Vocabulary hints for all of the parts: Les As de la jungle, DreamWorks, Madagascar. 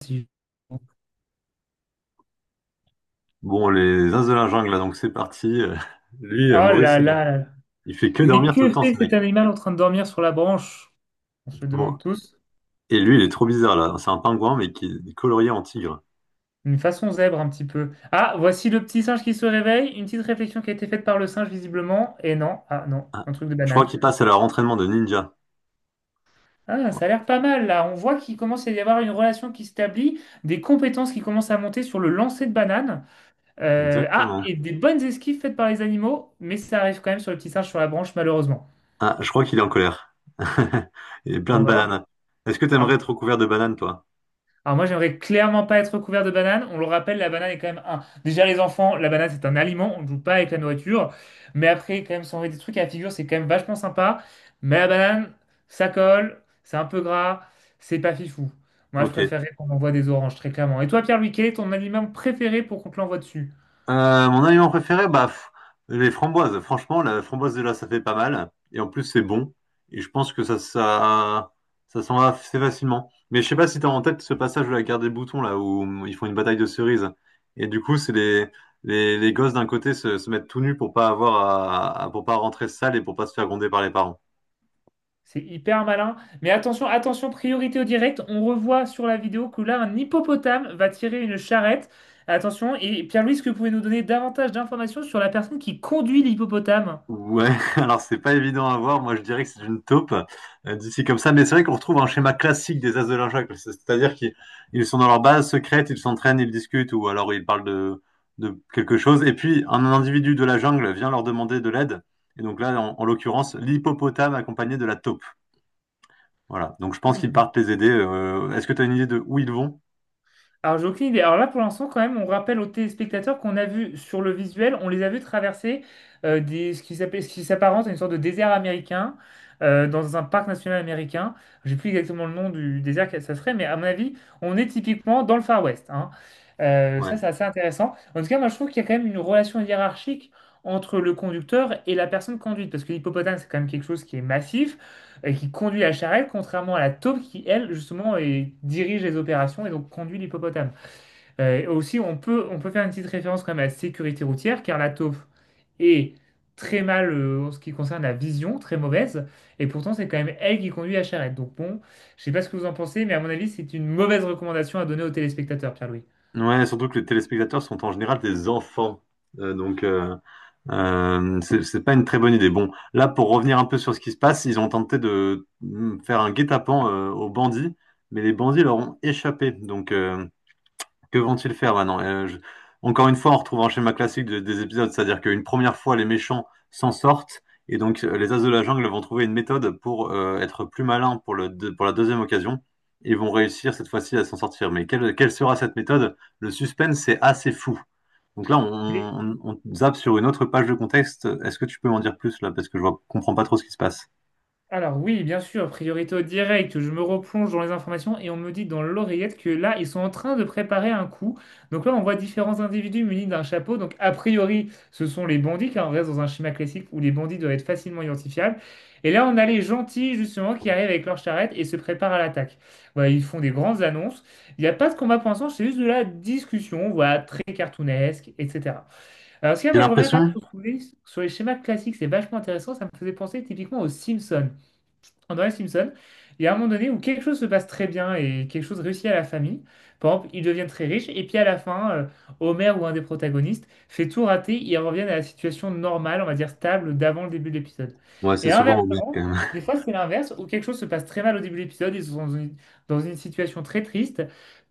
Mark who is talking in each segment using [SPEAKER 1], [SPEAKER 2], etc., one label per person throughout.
[SPEAKER 1] Si- Oh
[SPEAKER 2] Bon, les As de la jungle, là, donc c'est parti. Lui,
[SPEAKER 1] là
[SPEAKER 2] Maurice,
[SPEAKER 1] là
[SPEAKER 2] il,
[SPEAKER 1] là là.
[SPEAKER 2] il fait que
[SPEAKER 1] Mais
[SPEAKER 2] dormir tout
[SPEAKER 1] que
[SPEAKER 2] le temps,
[SPEAKER 1] fait
[SPEAKER 2] ce
[SPEAKER 1] cet
[SPEAKER 2] mec.
[SPEAKER 1] animal en train de dormir sur la branche? On se le
[SPEAKER 2] Bon.
[SPEAKER 1] demande tous.
[SPEAKER 2] Et lui, il est trop bizarre, là. C'est un pingouin, mais qui est colorié en tigre.
[SPEAKER 1] Une façon zèbre un petit peu. Ah, voici le petit singe qui se réveille. Une petite réflexion qui a été faite par le singe visiblement. Et non, ah non,
[SPEAKER 2] Ah.
[SPEAKER 1] un truc de
[SPEAKER 2] Je crois
[SPEAKER 1] banane.
[SPEAKER 2] qu'il passe à leur entraînement de ninja.
[SPEAKER 1] Ah, ça a l'air pas mal là. On voit qu'il commence à y avoir une relation qui s'établit, des compétences qui commencent à monter sur le lancer de banane. Ah,
[SPEAKER 2] Exactement.
[SPEAKER 1] et des bonnes esquives faites par les animaux, mais ça arrive quand même sur le petit singe sur la branche malheureusement.
[SPEAKER 2] Ah, je crois qu'il est en colère. Et plein
[SPEAKER 1] On
[SPEAKER 2] de
[SPEAKER 1] va voir.
[SPEAKER 2] bananes. Est-ce que t'aimerais
[SPEAKER 1] Alors,
[SPEAKER 2] être recouvert de bananes, toi?
[SPEAKER 1] Alors moi, j'aimerais clairement pas être couvert de banane. On le rappelle, la banane est quand même un. Déjà, les enfants, la banane, c'est un aliment. On ne joue pas avec la nourriture. Mais après, quand même, s'enlever des trucs à la figure, c'est quand même vachement sympa. Mais la banane, ça colle, c'est un peu gras, c'est pas fifou. Moi, je
[SPEAKER 2] Ok.
[SPEAKER 1] préférerais qu'on m'envoie des oranges, très clairement. Et toi, Pierre-Louis, quel est ton aliment préféré pour qu'on te l'envoie dessus?
[SPEAKER 2] Mon aliment préféré, les framboises. Franchement, la framboise de là, ça fait pas mal. Et en plus, c'est bon. Et je pense que ça s'en va assez facilement. Mais je sais pas si t'as en tête ce passage de la guerre des boutons, là, où ils font une bataille de cerises. Et du coup, c'est les gosses d'un côté se mettent tout nus pour pas avoir pour pas rentrer sale et pour pas se faire gronder par les parents.
[SPEAKER 1] C'est hyper malin. Mais attention, attention, priorité au direct. On revoit sur la vidéo que là, un hippopotame va tirer une charrette. Attention. Et Pierre-Louis, est-ce que vous pouvez nous donner davantage d'informations sur la personne qui conduit l'hippopotame?
[SPEAKER 2] Ouais, alors c'est pas évident à voir. Moi, je dirais que c'est une taupe d'ici comme ça. Mais c'est vrai qu'on retrouve un schéma classique des As de la l'Injac. C'est-à-dire qu'ils ils sont dans leur base secrète, ils s'entraînent, ils discutent ou alors ils parlent de quelque chose. Et puis, un individu de la jungle vient leur demander de l'aide. Et donc là, en l'occurrence, l'hippopotame accompagné de la taupe. Voilà. Donc je pense qu'ils
[SPEAKER 1] Hmm.
[SPEAKER 2] partent les aider. Est-ce que tu as une idée de où ils vont?
[SPEAKER 1] Alors, j'ai aucune idée. Alors là, pour l'instant, quand même, on rappelle aux téléspectateurs qu'on a vu sur le visuel, on les a vus traverser des, ce qui s'appelle, ce qui s'apparente à une sorte de désert américain dans un parc national américain. J'ai plus exactement le nom du désert que ça serait, mais à mon avis, on est typiquement dans le Far West, hein. Ça,
[SPEAKER 2] Ouais.
[SPEAKER 1] c'est assez intéressant. En tout cas, moi, je trouve qu'il y a quand même une relation hiérarchique entre le conducteur et la personne conduite, parce que l'hippopotame, c'est quand même quelque chose qui est massif et qui conduit la charrette, contrairement à la taupe qui, elle, justement, dirige les opérations et donc conduit l'hippopotame. Aussi, on peut faire une petite référence quand même à la sécurité routière, car la taupe est très mal en ce qui concerne la vision, très mauvaise, et pourtant c'est quand même elle qui conduit la charrette. Donc bon, je sais pas ce que vous en pensez, mais à mon avis, c'est une mauvaise recommandation à donner aux téléspectateurs, Pierre-Louis.
[SPEAKER 2] Ouais, surtout que les téléspectateurs sont en général des enfants. Euh, donc, c'est pas une très bonne idée. Bon, là, pour revenir un peu sur ce qui se passe, ils ont tenté de faire un guet-apens aux bandits, mais les bandits leur ont échappé. Donc, que vont-ils faire maintenant? Je- Encore une fois, on retrouve un schéma classique des épisodes, c'est-à-dire qu'une première fois, les méchants s'en sortent, et donc les As de la jungle vont trouver une méthode pour être plus malins pour pour la deuxième occasion, et vont réussir cette fois-ci à s'en sortir. Mais quelle sera cette méthode? Le suspense c'est assez fou. Donc là, on zappe sur une autre page de contexte. Est-ce que tu peux m'en dire plus là? Parce que je ne comprends pas trop ce qui se passe.
[SPEAKER 1] Alors oui, bien sûr, priorité au direct, je me replonge dans les informations et on me dit dans l'oreillette que là, ils sont en train de préparer un coup. Donc là, on voit différents individus munis d'un chapeau. Donc a priori, ce sont les bandits, car on reste dans un schéma classique où les bandits doivent être facilement identifiables. Et là, on a les gentils, justement, qui arrivent avec leur charrette et se préparent à l'attaque. Voilà, ils font des grandes annonces. Il n'y a pas de combat pour l'instant, c'est juste de la discussion, voilà, très cartoonesque, etc. Alors, ce qu'il y a,
[SPEAKER 2] J'ai
[SPEAKER 1] moi, je reviens quand même
[SPEAKER 2] l'impression.
[SPEAKER 1] sur les schémas classiques, c'est vachement intéressant. Ça me faisait penser typiquement aux Simpsons. André Simpson, il y a un moment donné où quelque chose se passe très bien et quelque chose réussit à la famille. Par exemple, ils deviennent très riches et puis à la fin, Homer ou un des protagonistes fait tout rater, ils reviennent à la situation normale, on va dire stable, d'avant le début de l'épisode.
[SPEAKER 2] Ouais,
[SPEAKER 1] Et
[SPEAKER 2] c'est souvent au maire, quand
[SPEAKER 1] inversement,
[SPEAKER 2] même.
[SPEAKER 1] des fois c'est l'inverse où quelque chose se passe très mal au début de l'épisode, ils sont dans une situation très triste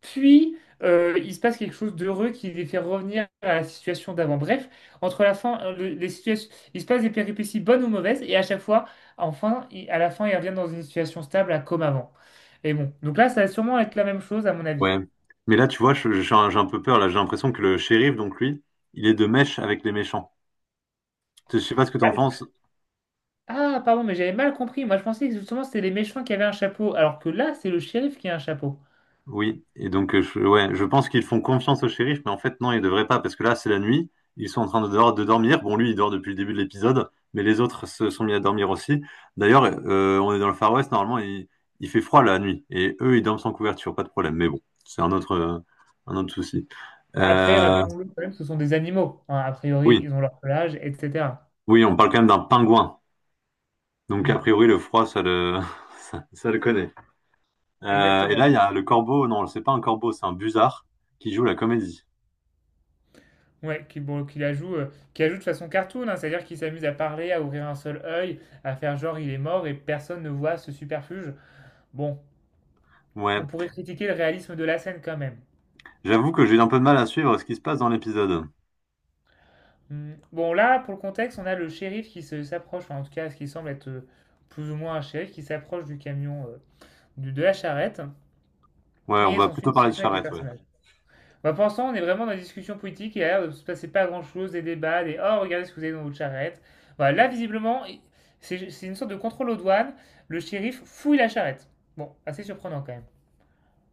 [SPEAKER 1] puis, il se passe quelque chose d'heureux qui les fait revenir à la situation d'avant. Bref, entre la fin, les situations, il se passe des péripéties bonnes ou mauvaises, et à chaque fois, à la fin, ils reviennent dans une situation stable, à comme avant. Et bon, donc là, ça va sûrement être la même chose, à mon avis.
[SPEAKER 2] Ouais. Mais là, tu vois, j'ai j'ai un peu peur. Là, j'ai l'impression que le shérif, donc lui, il est de mèche avec les méchants. Je sais pas ce que
[SPEAKER 1] Bah,
[SPEAKER 2] t'en
[SPEAKER 1] je-
[SPEAKER 2] penses.
[SPEAKER 1] Ah, pardon, mais j'avais mal compris. Moi, je pensais que justement, c'était les méchants qui avaient un chapeau, alors que là, c'est le shérif qui a un chapeau.
[SPEAKER 2] Oui, et donc ouais, je pense qu'ils font confiance au shérif, mais en fait non, ils devraient pas, parce que là c'est la nuit, ils sont en train de, de dormir. Bon, lui il dort depuis le début de l'épisode, mais les autres se sont mis à dormir aussi. D'ailleurs, on est dans le Far West, normalement il fait froid la nuit, et eux ils dorment sans couverture, pas de problème. Mais bon, c'est un autre souci.
[SPEAKER 1] Après,
[SPEAKER 2] Euh,
[SPEAKER 1] rappelons-le quand même, ce sont des animaux. Enfin, a priori,
[SPEAKER 2] oui,
[SPEAKER 1] ils ont leur pelage, etc.
[SPEAKER 2] oui, on parle quand même d'un pingouin, donc a
[SPEAKER 1] Hmm,
[SPEAKER 2] priori le froid ça le, ça le connaît. Et là
[SPEAKER 1] exactement.
[SPEAKER 2] il y a le corbeau, non, c'est pas un corbeau, c'est un busard qui joue la comédie.
[SPEAKER 1] Ouais, qui, bon, qui la joue de façon cartoon, hein, c'est-à-dire qu'il s'amuse à parler, à ouvrir un seul œil, à faire genre il est mort et personne ne voit ce superfuge. Bon, on
[SPEAKER 2] Ouais.
[SPEAKER 1] pourrait critiquer le réalisme de la scène quand même.
[SPEAKER 2] J'avoue que j'ai eu un peu de mal à suivre ce qui se passe dans l'épisode.
[SPEAKER 1] Hmm. Bon, là, pour le contexte, on a le shérif s'approche, enfin, en tout cas, ce qui semble être plus ou moins un shérif qui s'approche du camion, de la charrette,
[SPEAKER 2] Ouais, on
[SPEAKER 1] et il
[SPEAKER 2] va
[SPEAKER 1] s'ensuit
[SPEAKER 2] plutôt
[SPEAKER 1] une
[SPEAKER 2] parler de
[SPEAKER 1] discussion avec les
[SPEAKER 2] charrette, ouais.
[SPEAKER 1] personnages. Bah, pour l'instant, on est vraiment dans une discussion politique et il a l'air de ne se passer pas grand-chose, des débats, des oh, regardez ce que vous avez dans votre charrette. Voilà, là, visiblement, c'est une sorte de contrôle aux douanes. Le shérif fouille la charrette. Bon, assez surprenant quand même.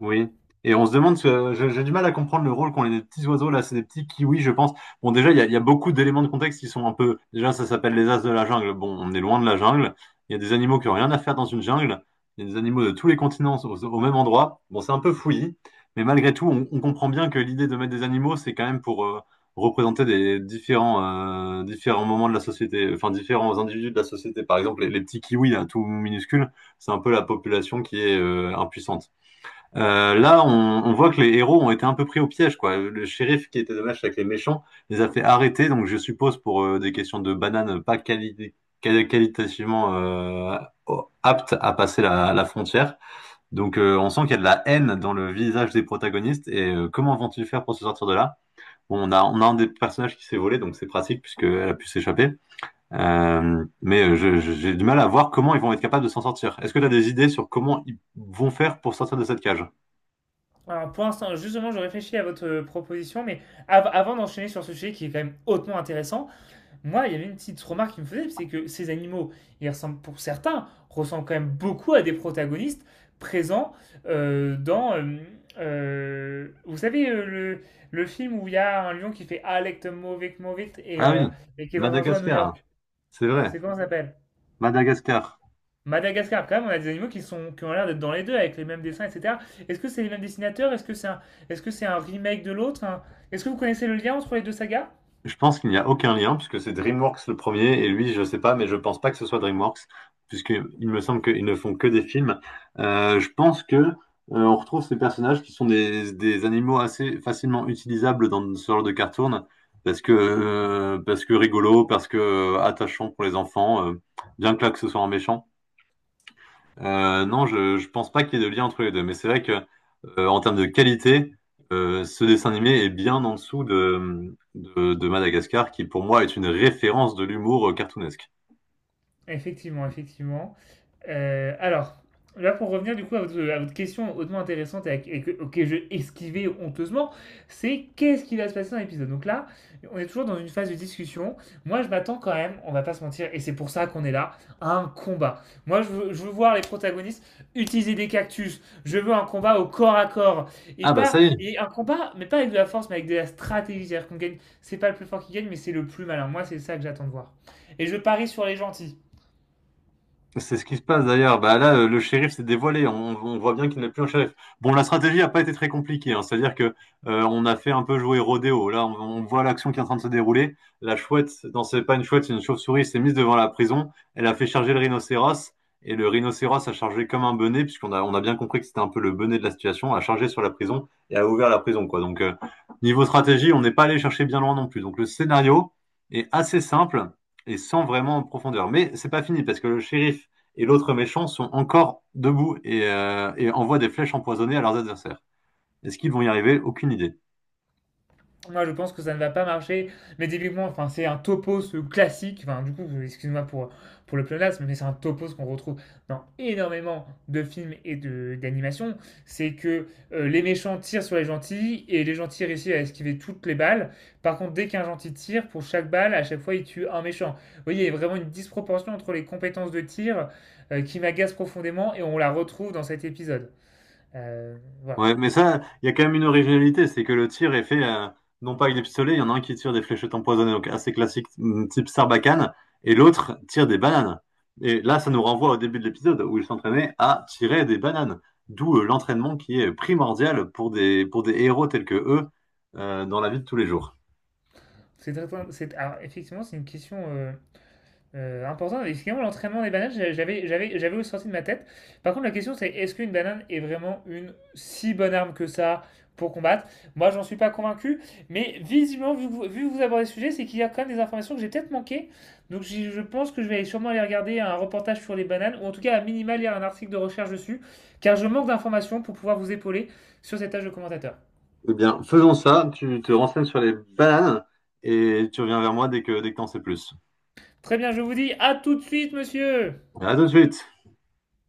[SPEAKER 2] Oui. Et on se demande, j'ai du mal à comprendre le rôle qu'ont les petits oiseaux là, c'est des petits kiwis, je pense. Bon, déjà, il y a beaucoup d'éléments de contexte qui sont un peu. Déjà, ça s'appelle les as de la jungle. Bon, on est loin de la jungle. Il y a des animaux qui ont rien à faire dans une jungle. Il y a des animaux de tous les continents au même endroit. Bon, c'est un peu fouillis, mais malgré tout, on comprend bien que l'idée de mettre des animaux, c'est quand même pour représenter différents moments de la société, enfin différents individus de la société. Par exemple, les petits kiwis, là, tout minuscules, c'est un peu la population qui est impuissante. Euh, là, on, on voit que les héros ont été un peu pris au piège, quoi. Le shérif qui était de match avec les méchants les a fait arrêter, donc je suppose pour des questions de bananes pas qualitativement aptes à passer la frontière. Donc on sent qu'il y a de la haine dans le visage des protagonistes et comment vont-ils faire pour se sortir de là? Bon, on a un des personnages qui s'est volé, donc c'est pratique puisqu'elle a pu s'échapper. Mais j'ai du mal à voir comment ils vont être capables de s'en sortir. Est-ce que tu as des idées sur comment ils vont faire pour sortir de cette cage?
[SPEAKER 1] Alors, pour l'instant, justement, je réfléchis à votre proposition, mais avant d'enchaîner sur ce sujet qui est quand même hautement intéressant, moi, il y avait une petite remarque qui me faisait, c'est que ces animaux, ils ressemblent pour certains, ressemblent quand même beaucoup à des protagonistes présents dans, vous savez, le film où il y a un lion qui fait Alect Movit Movit
[SPEAKER 2] Ah oui,
[SPEAKER 1] et qui est dans un zoo à New
[SPEAKER 2] Madagascar, hein.
[SPEAKER 1] York.
[SPEAKER 2] C'est vrai.
[SPEAKER 1] C'est comment ça s'appelle?
[SPEAKER 2] Madagascar.
[SPEAKER 1] Madagascar, quand même, on a des animaux qui sont, qui ont l'air d'être dans les deux avec les mêmes dessins, etc. Est-ce que c'est les mêmes dessinateurs? Est-ce que c'est un remake de l'autre? Est-ce que vous connaissez le lien entre les deux sagas?
[SPEAKER 2] Je pense qu'il n'y a aucun lien, puisque c'est DreamWorks le premier, et lui, je sais pas, mais je pense pas que ce soit DreamWorks, puisqu'il me semble qu'ils ne font que des films. Je pense que on retrouve ces personnages qui sont des animaux assez facilement utilisables dans ce genre de cartoon, parce que rigolo, parce que attachant pour les enfants, bien que là que ce soit un méchant. Non, je pense pas qu'il y ait de lien entre les deux, mais c'est vrai que en termes de qualité, ce dessin animé est bien en dessous de Madagascar, qui pour moi est une référence de l'humour cartoonesque.
[SPEAKER 1] Effectivement, effectivement. Euh, alors, là pour revenir du coup à votre question hautement intéressante auquel je esquivais honteusement, c'est qu'est-ce qui va se passer dans l'épisode. Donc là, on est toujours dans une phase de discussion. Moi, je m'attends quand même, on va pas se mentir, et c'est pour ça qu'on est là, à un combat. Moi, je veux voir les protagonistes utiliser des cactus. Je veux un combat au corps à corps et
[SPEAKER 2] Ah bah
[SPEAKER 1] pas
[SPEAKER 2] ça y est.
[SPEAKER 1] et un combat, mais pas avec de la force, mais avec de la stratégie. C'est-à-dire qu'on gagne, c'est pas le plus fort qui gagne, mais c'est le plus malin. Moi, c'est ça que j'attends de voir. Et je parie sur les gentils.
[SPEAKER 2] C'est ce qui se passe d'ailleurs. Bah là, le shérif s'est dévoilé. On voit bien qu'il n'est plus un shérif. Bon, la stratégie n'a pas été très compliquée, hein. C'est-à-dire que on a fait un peu jouer rodéo. Là, on voit l'action qui est en train de se dérouler. La chouette, non, c'est pas une chouette, c'est une chauve-souris, s'est mise devant la prison. Elle a fait charger le rhinocéros et le rhinocéros a chargé comme un benet, puisqu'on a bien compris que c'était un peu le benet de la situation, a chargé sur la prison et a ouvert la prison, quoi. Donc niveau stratégie, on n'est pas allé chercher bien loin non plus. Donc le scénario est assez simple et sans vraiment en profondeur. Mais c'est pas fini parce que le shérif et l'autre méchant sont encore debout et envoient des flèches empoisonnées à leurs adversaires. Est-ce qu'ils vont y arriver? Aucune idée.
[SPEAKER 1] Moi, je pense que ça ne va pas marcher. Mais typiquement, enfin, c'est un topos classique. Enfin, du coup, excuse-moi pour le pléonasme, mais c'est un topos qu'on retrouve dans énormément de films d'animations. C'est que les méchants tirent sur les gentils et les gentils réussissent à esquiver toutes les balles. Par contre, dès qu'un gentil tire, pour chaque balle, à chaque fois, il tue un méchant. Vous voyez, il y a vraiment une disproportion entre les compétences de tir qui m'agace profondément et on la retrouve dans cet épisode. Euh, voilà.
[SPEAKER 2] Ouais, mais ça, il y a quand même une originalité, c'est que le tir est fait non pas avec des pistolets, il y en a un qui tire des fléchettes empoisonnées, donc assez classique, type Sarbacane, et l'autre tire des bananes. Et là, ça nous renvoie au début de l'épisode où ils s'entraînaient à tirer des bananes, d'où l'entraînement qui est primordial pour pour des héros tels que eux dans la vie de tous les jours.
[SPEAKER 1] Alors, effectivement, c'est une question. Important, et finalement l'entraînement des bananes, j'avais aussi sorti de ma tête. Par contre, la question c'est est-ce qu'une banane est vraiment une si bonne arme que ça pour combattre? Moi, j'en suis pas convaincu, mais visiblement, vu que vous abordez le sujet, c'est qu'il y a quand même des informations que j'ai peut-être manquées. Donc, je pense que je vais aller sûrement aller regarder un reportage sur les bananes, ou en tout cas, à minima, lire un article de recherche dessus, car je manque d'informations pour pouvoir vous épauler sur cette tâche de commentateur.
[SPEAKER 2] Eh bien, faisons ça. Tu te renseignes sur les bananes et tu reviens vers moi dès que t'en sais plus.
[SPEAKER 1] Très bien, je vous dis à tout de suite, monsieur!
[SPEAKER 2] À tout de suite.